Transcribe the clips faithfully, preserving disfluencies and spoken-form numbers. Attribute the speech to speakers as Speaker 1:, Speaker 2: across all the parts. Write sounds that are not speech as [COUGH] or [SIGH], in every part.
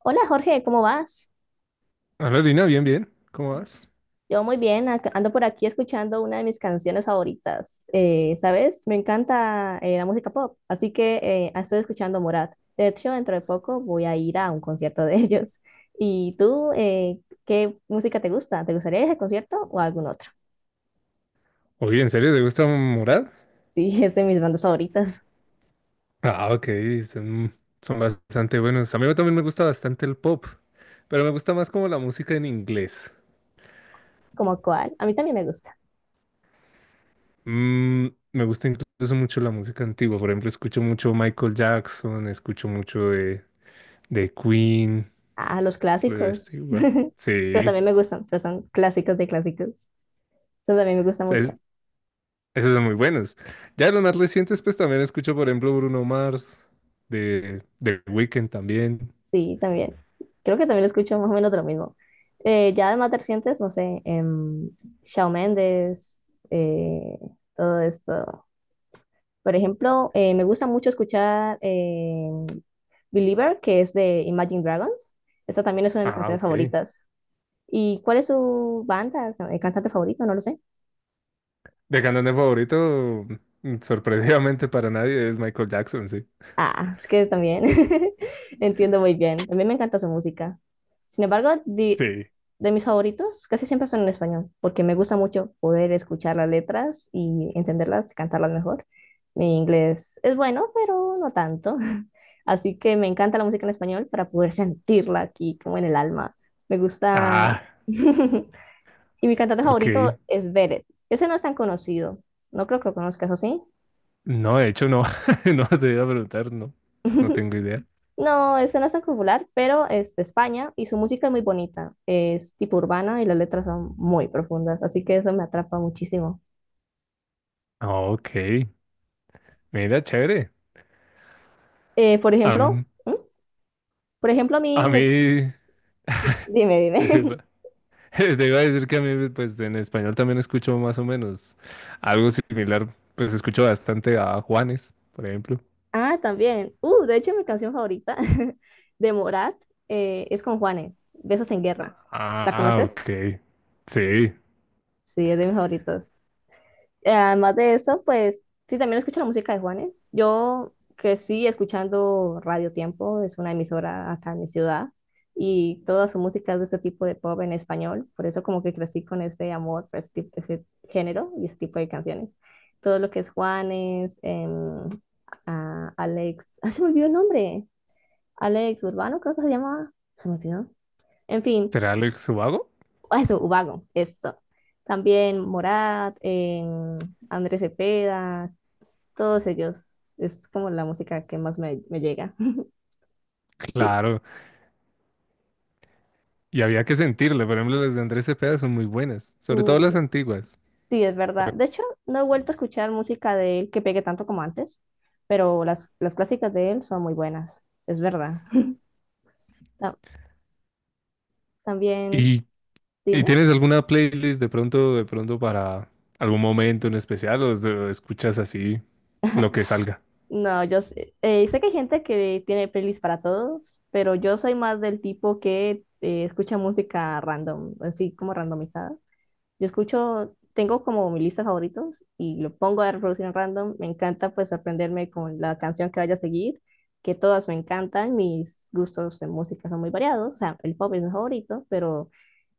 Speaker 1: Hola Jorge, ¿cómo vas?
Speaker 2: Hola Lina, bien, bien. ¿Cómo vas?
Speaker 1: Yo muy bien, ac- ando por aquí escuchando una de mis canciones favoritas. Eh, ¿sabes? Me encanta eh, la música pop, así que eh, estoy escuchando Morat. De hecho, dentro de poco voy a ir a un concierto de [LAUGHS] ellos. ¿Y tú, eh, qué música te gusta? ¿Te gustaría ir a ese concierto o a algún otro?
Speaker 2: Oye, ¿en serio te gusta Morat?
Speaker 1: Sí, [LAUGHS] es de mis bandas favoritas.
Speaker 2: Ah, ok, son, son bastante buenos. A mí también me gusta bastante el pop, pero me gusta más como la música en inglés.
Speaker 1: ¿Como cuál? A mí también me gusta.
Speaker 2: Mm, Me gusta incluso mucho la música antigua. Por ejemplo, escucho mucho Michael Jackson, escucho mucho de, de Queen,
Speaker 1: Ah, los
Speaker 2: de este,
Speaker 1: clásicos.
Speaker 2: igual.
Speaker 1: [LAUGHS] Pero
Speaker 2: Sí,
Speaker 1: también me gustan, pero son clásicos de clásicos. Eso también me gusta
Speaker 2: es-
Speaker 1: mucho.
Speaker 2: esos son muy buenos. Ya de los más recientes, pues también escucho, por ejemplo, Bruno Mars, de, de Weeknd también.
Speaker 1: Sí, también. Creo que también lo escucho más o menos de lo mismo. Eh, ya de más recientes, no sé, em, Shawn Mendes, eh, todo esto. Por ejemplo, eh, me gusta mucho escuchar em, Believer, que es de Imagine Dragons. Esa también es una de mis
Speaker 2: Ah,
Speaker 1: canciones
Speaker 2: ok.
Speaker 1: favoritas. ¿Y cuál es su banda, eh, cantante favorito? No lo sé.
Speaker 2: De cantante favorito, sorprendidamente para nadie, es Michael Jackson, sí.
Speaker 1: Ah, es que también [LAUGHS] entiendo muy bien. También me encanta su música. Sin embargo, de,
Speaker 2: Sí.
Speaker 1: de mis favoritos casi siempre son en español, porque me gusta mucho poder escuchar las letras y entenderlas, y cantarlas mejor. Mi inglés es bueno, pero no tanto. [LAUGHS] Así que me encanta la música en español para poder sentirla aquí, como en el alma. Me gusta.
Speaker 2: Ah,
Speaker 1: [LAUGHS] Y mi cantante
Speaker 2: ok.
Speaker 1: favorito es Beret. Ese no es tan conocido. No creo que lo conozcas, ¿o sí?
Speaker 2: No, de hecho, no. [LAUGHS] No te iba a preguntar, no. No
Speaker 1: [LAUGHS]
Speaker 2: tengo idea.
Speaker 1: No, ese no es tan popular, pero es de España y su música es muy bonita. Es tipo urbana y las letras son muy profundas, así que eso me atrapa muchísimo.
Speaker 2: Ah, ok. Mira, chévere.
Speaker 1: Eh, por ejemplo,
Speaker 2: Am-
Speaker 1: ¿Mm? Por ejemplo, a mí
Speaker 2: a
Speaker 1: me...
Speaker 2: mí. [LAUGHS]
Speaker 1: Dime, dime.
Speaker 2: dice,
Speaker 1: [LAUGHS]
Speaker 2: pa- [LAUGHS] Te iba a decir que a mí, pues en español también escucho más o menos algo similar. Pues escucho bastante a Juanes, por ejemplo.
Speaker 1: Ah, también. Uh, de hecho, mi canción favorita [LAUGHS] de Morat eh, es con Juanes, Besos en Guerra. ¿La
Speaker 2: Ah,
Speaker 1: conoces?
Speaker 2: ok. Sí.
Speaker 1: Sí, es de mis favoritos. eh, Además de eso, pues sí, también escucho la música de Juanes. Yo crecí escuchando Radio Tiempo, es una emisora acá en mi ciudad, y toda su música es de ese tipo de pop en español, por eso como que crecí con ese amor por ese, tip- ese género y ese tipo de canciones. Todo lo que es Juanes, em, a- Alex, ah, se me olvidó el nombre, Alex Urbano creo que se llamaba, se me olvidó. En fin,
Speaker 2: ¿Será Alex Ubago?
Speaker 1: ah, eso, Ubago, eso. También Morat, em, Andrés Cepeda, todos ellos es como la música que más me, me llega. [LAUGHS] Y
Speaker 2: Claro. Y había que sentirle, por ejemplo, las de Andrés Cepeda son muy buenas, sobre todo las
Speaker 1: uy,
Speaker 2: antiguas.
Speaker 1: sí, es verdad. De hecho, no he vuelto a escuchar música de él que pegue tanto como antes, pero las, las clásicas de él son muy buenas, es verdad. Ta- también,
Speaker 2: ¿Y, y
Speaker 1: dime.
Speaker 2: tienes alguna playlist de pronto, de pronto para algún momento en especial o es de- escuchas así lo que salga?
Speaker 1: No, yo sé, eh, sé que hay gente que tiene playlists para todos, pero yo soy más del tipo que eh, escucha música random, así como randomizada. Yo escucho, tengo como mi lista de favoritos y lo pongo a reproducir en random. Me encanta pues sorprenderme con la canción que vaya a seguir, que todas me encantan. Mis gustos en música son muy variados. O sea, el pop es mi favorito, pero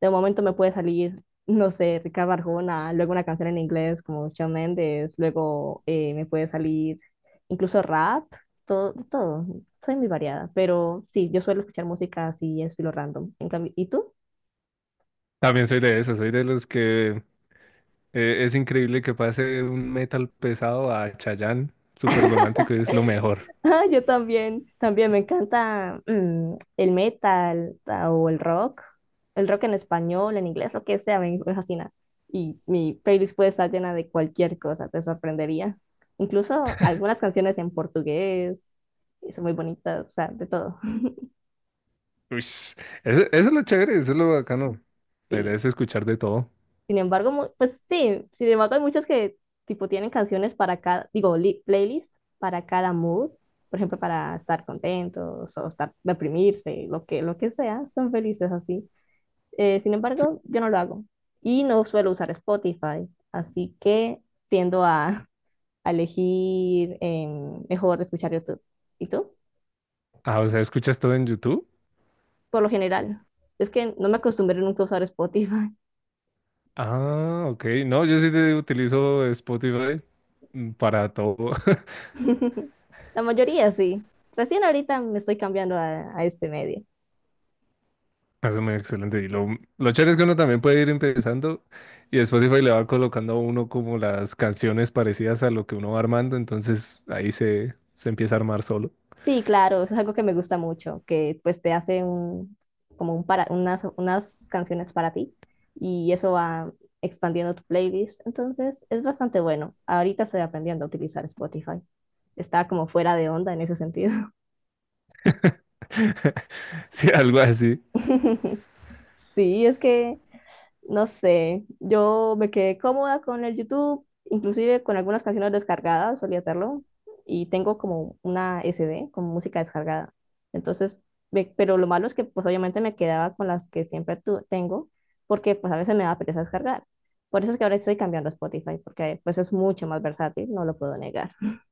Speaker 1: de momento me puede salir, no sé, Ricardo Arjona, luego una canción en inglés como Shawn Mendes, luego eh, me puede salir incluso rap, todo, todo. Soy muy variada, pero sí, yo suelo escuchar música así, estilo random. En cambio, ¿y tú?
Speaker 2: También soy de esos, soy de los que eh, es increíble que pase un metal pesado a Chayanne, súper romántico, y es lo mejor.
Speaker 1: Ah, yo también, también me encanta mm, el metal ta- o el rock, el rock en español, en inglés, lo que sea, me, me fascina. Y mi playlist puede estar llena de cualquier cosa, te sorprendería. Incluso algunas canciones en portugués, y son muy bonitas, o sea, de todo. [LAUGHS]
Speaker 2: Uish, Eso, eso es lo chévere, eso es lo bacano. La
Speaker 1: Sí.
Speaker 2: idea es escuchar de todo.
Speaker 1: Sin embargo, mu- pues sí, sin embargo hay muchos que tipo tienen canciones para cada, digo, li- playlist para cada mood, por ejemplo, para estar contentos o estar deprimirse, lo que, lo que sea, son felices así. Eh, sin
Speaker 2: S-
Speaker 1: embargo, yo no lo hago y no suelo usar Spotify, así que tiendo a, a elegir em, mejor escuchar YouTube. ¿Y tú?
Speaker 2: Ah, o sea, ¿escuchas todo en YouTube?
Speaker 1: Por lo general, es que no me acostumbré nunca a usar Spotify.
Speaker 2: Ah, ok. No, yo sí te utilizo Spotify mm, para todo. [LAUGHS]
Speaker 1: [LAUGHS] La mayoría sí. Recién ahorita me estoy cambiando a, a este medio.
Speaker 2: Eso es muy excelente. Y lo, lo chévere es que uno también puede ir empezando y Spotify le va colocando a uno como las canciones parecidas a lo que uno va armando. Entonces ahí se, se empieza a armar solo.
Speaker 1: Sí, claro, eso es algo que me gusta mucho, que pues te hace un, como un para, unas, unas canciones para ti y eso va expandiendo tu playlist. Entonces es bastante bueno. Ahorita estoy aprendiendo a utilizar Spotify. Estaba como fuera de onda en ese sentido.
Speaker 2: [LAUGHS] Sí, algo así.
Speaker 1: [LAUGHS] Sí, es que no sé, yo me quedé cómoda con el YouTube, inclusive con algunas canciones descargadas, solía hacerlo, y tengo como una S D con música descargada. Entonces, ve- pero lo malo es que pues obviamente me quedaba con las que siempre tu- tengo, porque pues a veces me da pereza descargar. Por eso es que ahora estoy cambiando a Spotify, porque pues es mucho más versátil, no lo puedo negar. [LAUGHS]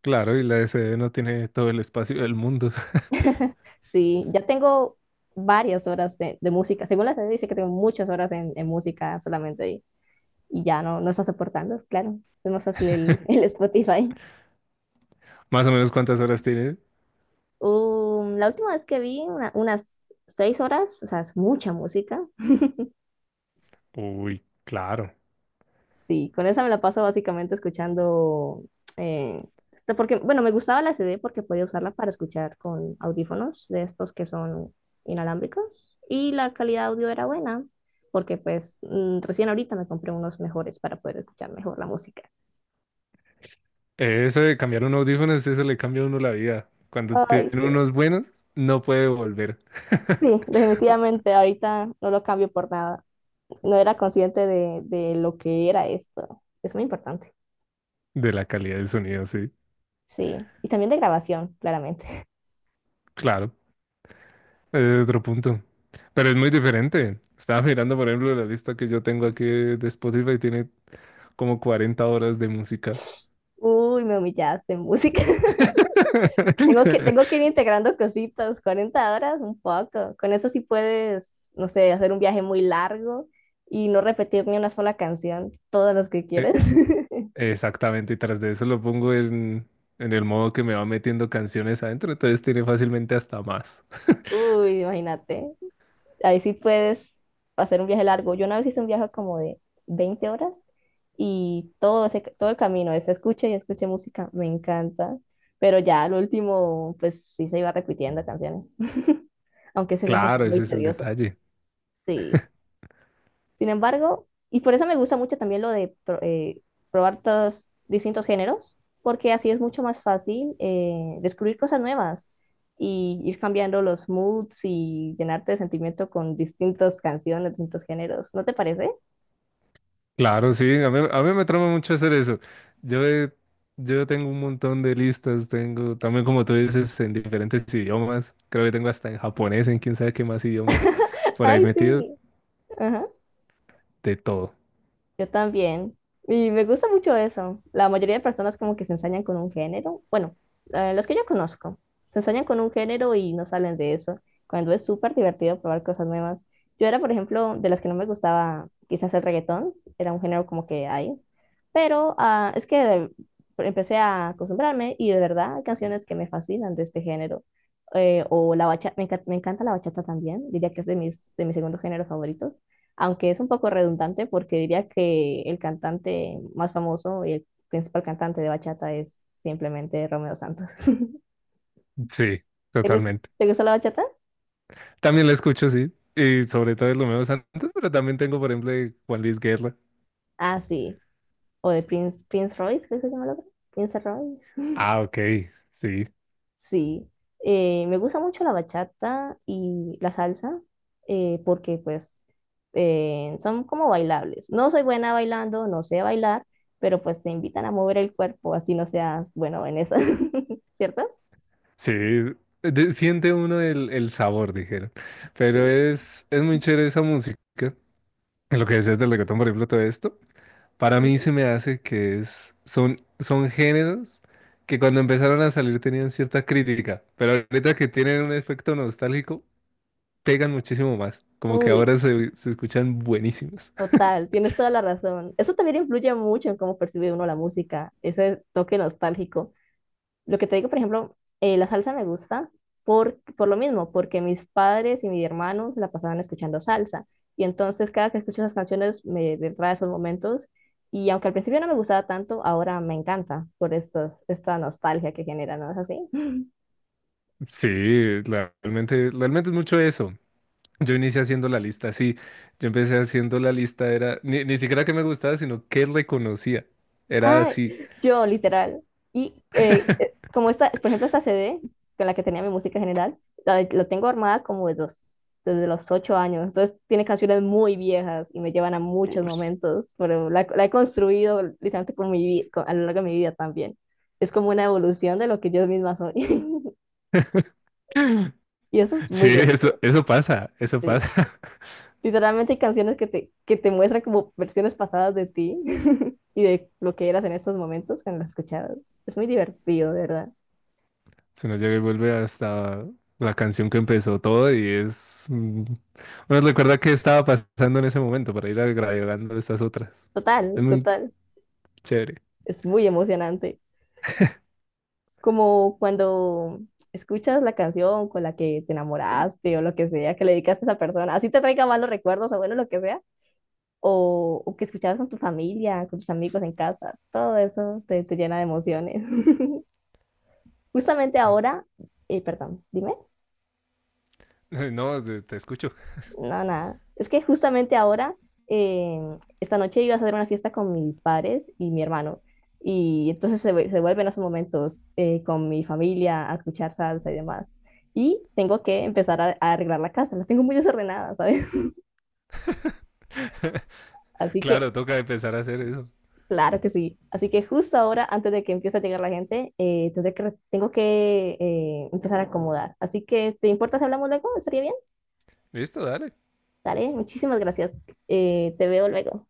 Speaker 2: Claro, y la S D no tiene todo el espacio del mundo.
Speaker 1: Sí, ya tengo varias horas de, de música. Según la C D dice que tengo muchas horas en, en música solamente ahí. Y ya no, no está soportando, claro. Es más fácil el, el Spotify.
Speaker 2: [LAUGHS] Más o menos cuántas horas tiene.
Speaker 1: Um, la última vez que vi, una- unas seis horas, o sea, es mucha música.
Speaker 2: Uy, claro.
Speaker 1: Sí, con esa me la paso básicamente escuchando, eh, esto porque, bueno, me gustaba la C D porque podía usarla para escuchar con audífonos de estos que son inalámbricos y la calidad de audio era buena porque pues mm, recién ahorita me compré unos mejores para poder escuchar mejor la música.
Speaker 2: Eh, Eso de cambiar un audífono, eso le cambia a uno la vida. Cuando tiene
Speaker 1: Ay, sí.
Speaker 2: unos buenos, no puede volver
Speaker 1: Sí,
Speaker 2: [LAUGHS]
Speaker 1: definitivamente ahorita no lo cambio por nada. No era consciente de, de lo que era esto. Es muy importante.
Speaker 2: de la calidad del sonido, sí.
Speaker 1: Sí, y también de grabación, claramente. [LAUGHS]
Speaker 2: Claro, es otro punto. Pero es muy diferente. Estaba mirando, por ejemplo, la lista que yo tengo aquí de Spotify, tiene como cuarenta horas de música.
Speaker 1: Uy, me humillaste en música. [LAUGHS] Tengo que, tengo que ir
Speaker 2: [LAUGHS]
Speaker 1: integrando cositas, cuarenta horas, un poco. Con eso sí puedes, no sé, hacer un viaje muy largo y no repetir ni una sola canción, todas las que quieres.
Speaker 2: Eh,
Speaker 1: [LAUGHS]
Speaker 2: Exactamente, y tras de eso lo pongo en, en el modo que me va metiendo canciones adentro, entonces tiene fácilmente hasta más.
Speaker 1: Uy, imagínate. Ahí sí puedes hacer un viaje largo. Yo una vez hice un viaje como de veinte horas y todo ese, todo el camino, ese escuche y escuche música, me encanta. Pero ya al último, pues sí se iba repitiendo canciones, [LAUGHS] aunque ese viaje fue
Speaker 2: Claro,
Speaker 1: muy
Speaker 2: ese es el
Speaker 1: tedioso.
Speaker 2: detalle.
Speaker 1: Sí. Sin embargo, y por eso me gusta mucho también lo de pro- eh, probar todos distintos géneros, porque así es mucho más fácil eh, descubrir cosas nuevas y ir cambiando los moods y llenarte de sentimiento con distintas canciones, distintos géneros. ¿No te parece?
Speaker 2: Claro, sí, a mí, a mí me trama mucho hacer eso. Yo, he- yo tengo un montón de listas, tengo también como tú dices en diferentes idiomas, creo que tengo hasta en japonés, en quién sabe qué más idiomas,
Speaker 1: [LAUGHS]
Speaker 2: por ahí
Speaker 1: Ay,
Speaker 2: metido
Speaker 1: sí.
Speaker 2: de todo.
Speaker 1: Yo también. Y me gusta mucho eso. La mayoría de personas como que se ensañan con un género. Bueno, eh, los que yo conozco, se ensañan con un género y no salen de eso, cuando es súper divertido probar cosas nuevas. Yo era, por ejemplo, de las que no me gustaba quizás el reggaetón, era un género como que hay, pero ah, es que empecé a acostumbrarme y de verdad hay canciones que me fascinan de este género. Eh, o la bachata, me, enca- me encanta la bachata también, diría que es de mis, de mi segundo género favorito aunque es un poco redundante porque diría que el cantante más famoso y el principal cantante de bachata es simplemente Romeo Santos. [LAUGHS]
Speaker 2: Sí,
Speaker 1: ¿Te gus-
Speaker 2: totalmente.
Speaker 1: te gusta la bachata?
Speaker 2: También la escucho, sí, y sobre todo es lo menos antes, pero también tengo, por ejemplo, de Juan Luis Guerra.
Speaker 1: Ah, sí. O de Prince, Prince Royce, creo que se llama el otro. Prince Royce. [LAUGHS]
Speaker 2: Ah, ok, sí,
Speaker 1: Sí. Eh, me gusta mucho la bachata y la salsa eh, porque pues eh, son como bailables. No soy buena bailando, no sé bailar, pero pues te invitan a mover el cuerpo, así no seas bueno en eso. [LAUGHS] ¿Cierto?
Speaker 2: sí, de- siente uno el, el sabor, dijeron, pero
Speaker 1: Sí.
Speaker 2: es, es muy chévere esa música. Lo que decías del reggaetón, por ejemplo, todo esto. Para mí se me hace que es, son, son géneros que cuando empezaron a salir tenían cierta crítica, pero ahorita que tienen un efecto nostálgico, pegan muchísimo más. Como que
Speaker 1: Uy,
Speaker 2: ahora se, se escuchan buenísimas. [LAUGHS]
Speaker 1: total, tienes toda la razón. Eso también influye mucho en cómo percibe uno la música, ese toque nostálgico. Lo que te digo, por ejemplo, eh, la salsa me gusta por, por lo mismo, porque mis padres y mi hermano se la pasaban escuchando salsa. Y entonces cada que escucho esas canciones me trae esos momentos. Y aunque al principio no me gustaba tanto, ahora me encanta por estos, esta nostalgia que genera, ¿no es así?
Speaker 2: Sí, la- realmente, realmente es mucho eso. Yo inicié haciendo la lista, sí. Yo empecé haciendo la lista, era ni, ni siquiera que me gustaba, sino que reconocía. Era
Speaker 1: Ah,
Speaker 2: así.
Speaker 1: yo, literal. Y eh, eh, como esta, por ejemplo, esta C D con la que tenía mi música general, la, de- la tengo armada como de los, desde los ocho años. Entonces tiene canciones muy viejas y me llevan a muchos
Speaker 2: Ush.
Speaker 1: momentos, pero la, la he construido literalmente con mi, vi- con- a lo largo de mi vida también. Es como una evolución de lo que yo misma soy. [LAUGHS]
Speaker 2: [LAUGHS]
Speaker 1: Y eso es muy
Speaker 2: Sí, eso,
Speaker 1: divertido.
Speaker 2: eso pasa, eso
Speaker 1: Sí.
Speaker 2: pasa. [LAUGHS]
Speaker 1: Literalmente hay canciones que te, que te muestran como versiones pasadas de ti [LAUGHS] y de lo que eras en esos momentos cuando las escuchabas. Es muy divertido, de verdad.
Speaker 2: Se nos llega y vuelve hasta la canción que empezó todo. y es... mm, Uno recuerda qué estaba pasando en ese momento para ir agregando estas otras. Es
Speaker 1: Total,
Speaker 2: muy
Speaker 1: total.
Speaker 2: chévere.
Speaker 1: Es muy emocionante. Como cuando escuchas la canción con la que te enamoraste o lo que sea, que le dedicaste a esa persona, así te traiga malos recuerdos o bueno, lo que sea, o, o que escuchabas con tu familia, con tus amigos en casa, todo eso te, te llena de emociones. [LAUGHS] Justamente
Speaker 2: [LAUGHS]
Speaker 1: ahora, eh, perdón, dime.
Speaker 2: No, te te escucho.
Speaker 1: No, nada. Es que justamente ahora, eh, esta noche iba a hacer una fiesta con mis padres y mi hermano. Y entonces se, vu- se vuelven esos momentos eh, con mi familia a escuchar salsa y demás. Y tengo que empezar a, a arreglar la casa. La tengo muy desordenada, ¿sabes?
Speaker 2: [LAUGHS]
Speaker 1: [LAUGHS] Así que,
Speaker 2: Claro, toca empezar a hacer eso.
Speaker 1: claro que sí. Así que justo ahora, antes de que empiece a llegar la gente, eh, tendré que, re- tengo que eh, empezar a acomodar. Así que, ¿te importa si hablamos luego? ¿Estaría bien?
Speaker 2: Listo, dale.
Speaker 1: Dale, muchísimas gracias. Eh, te veo luego.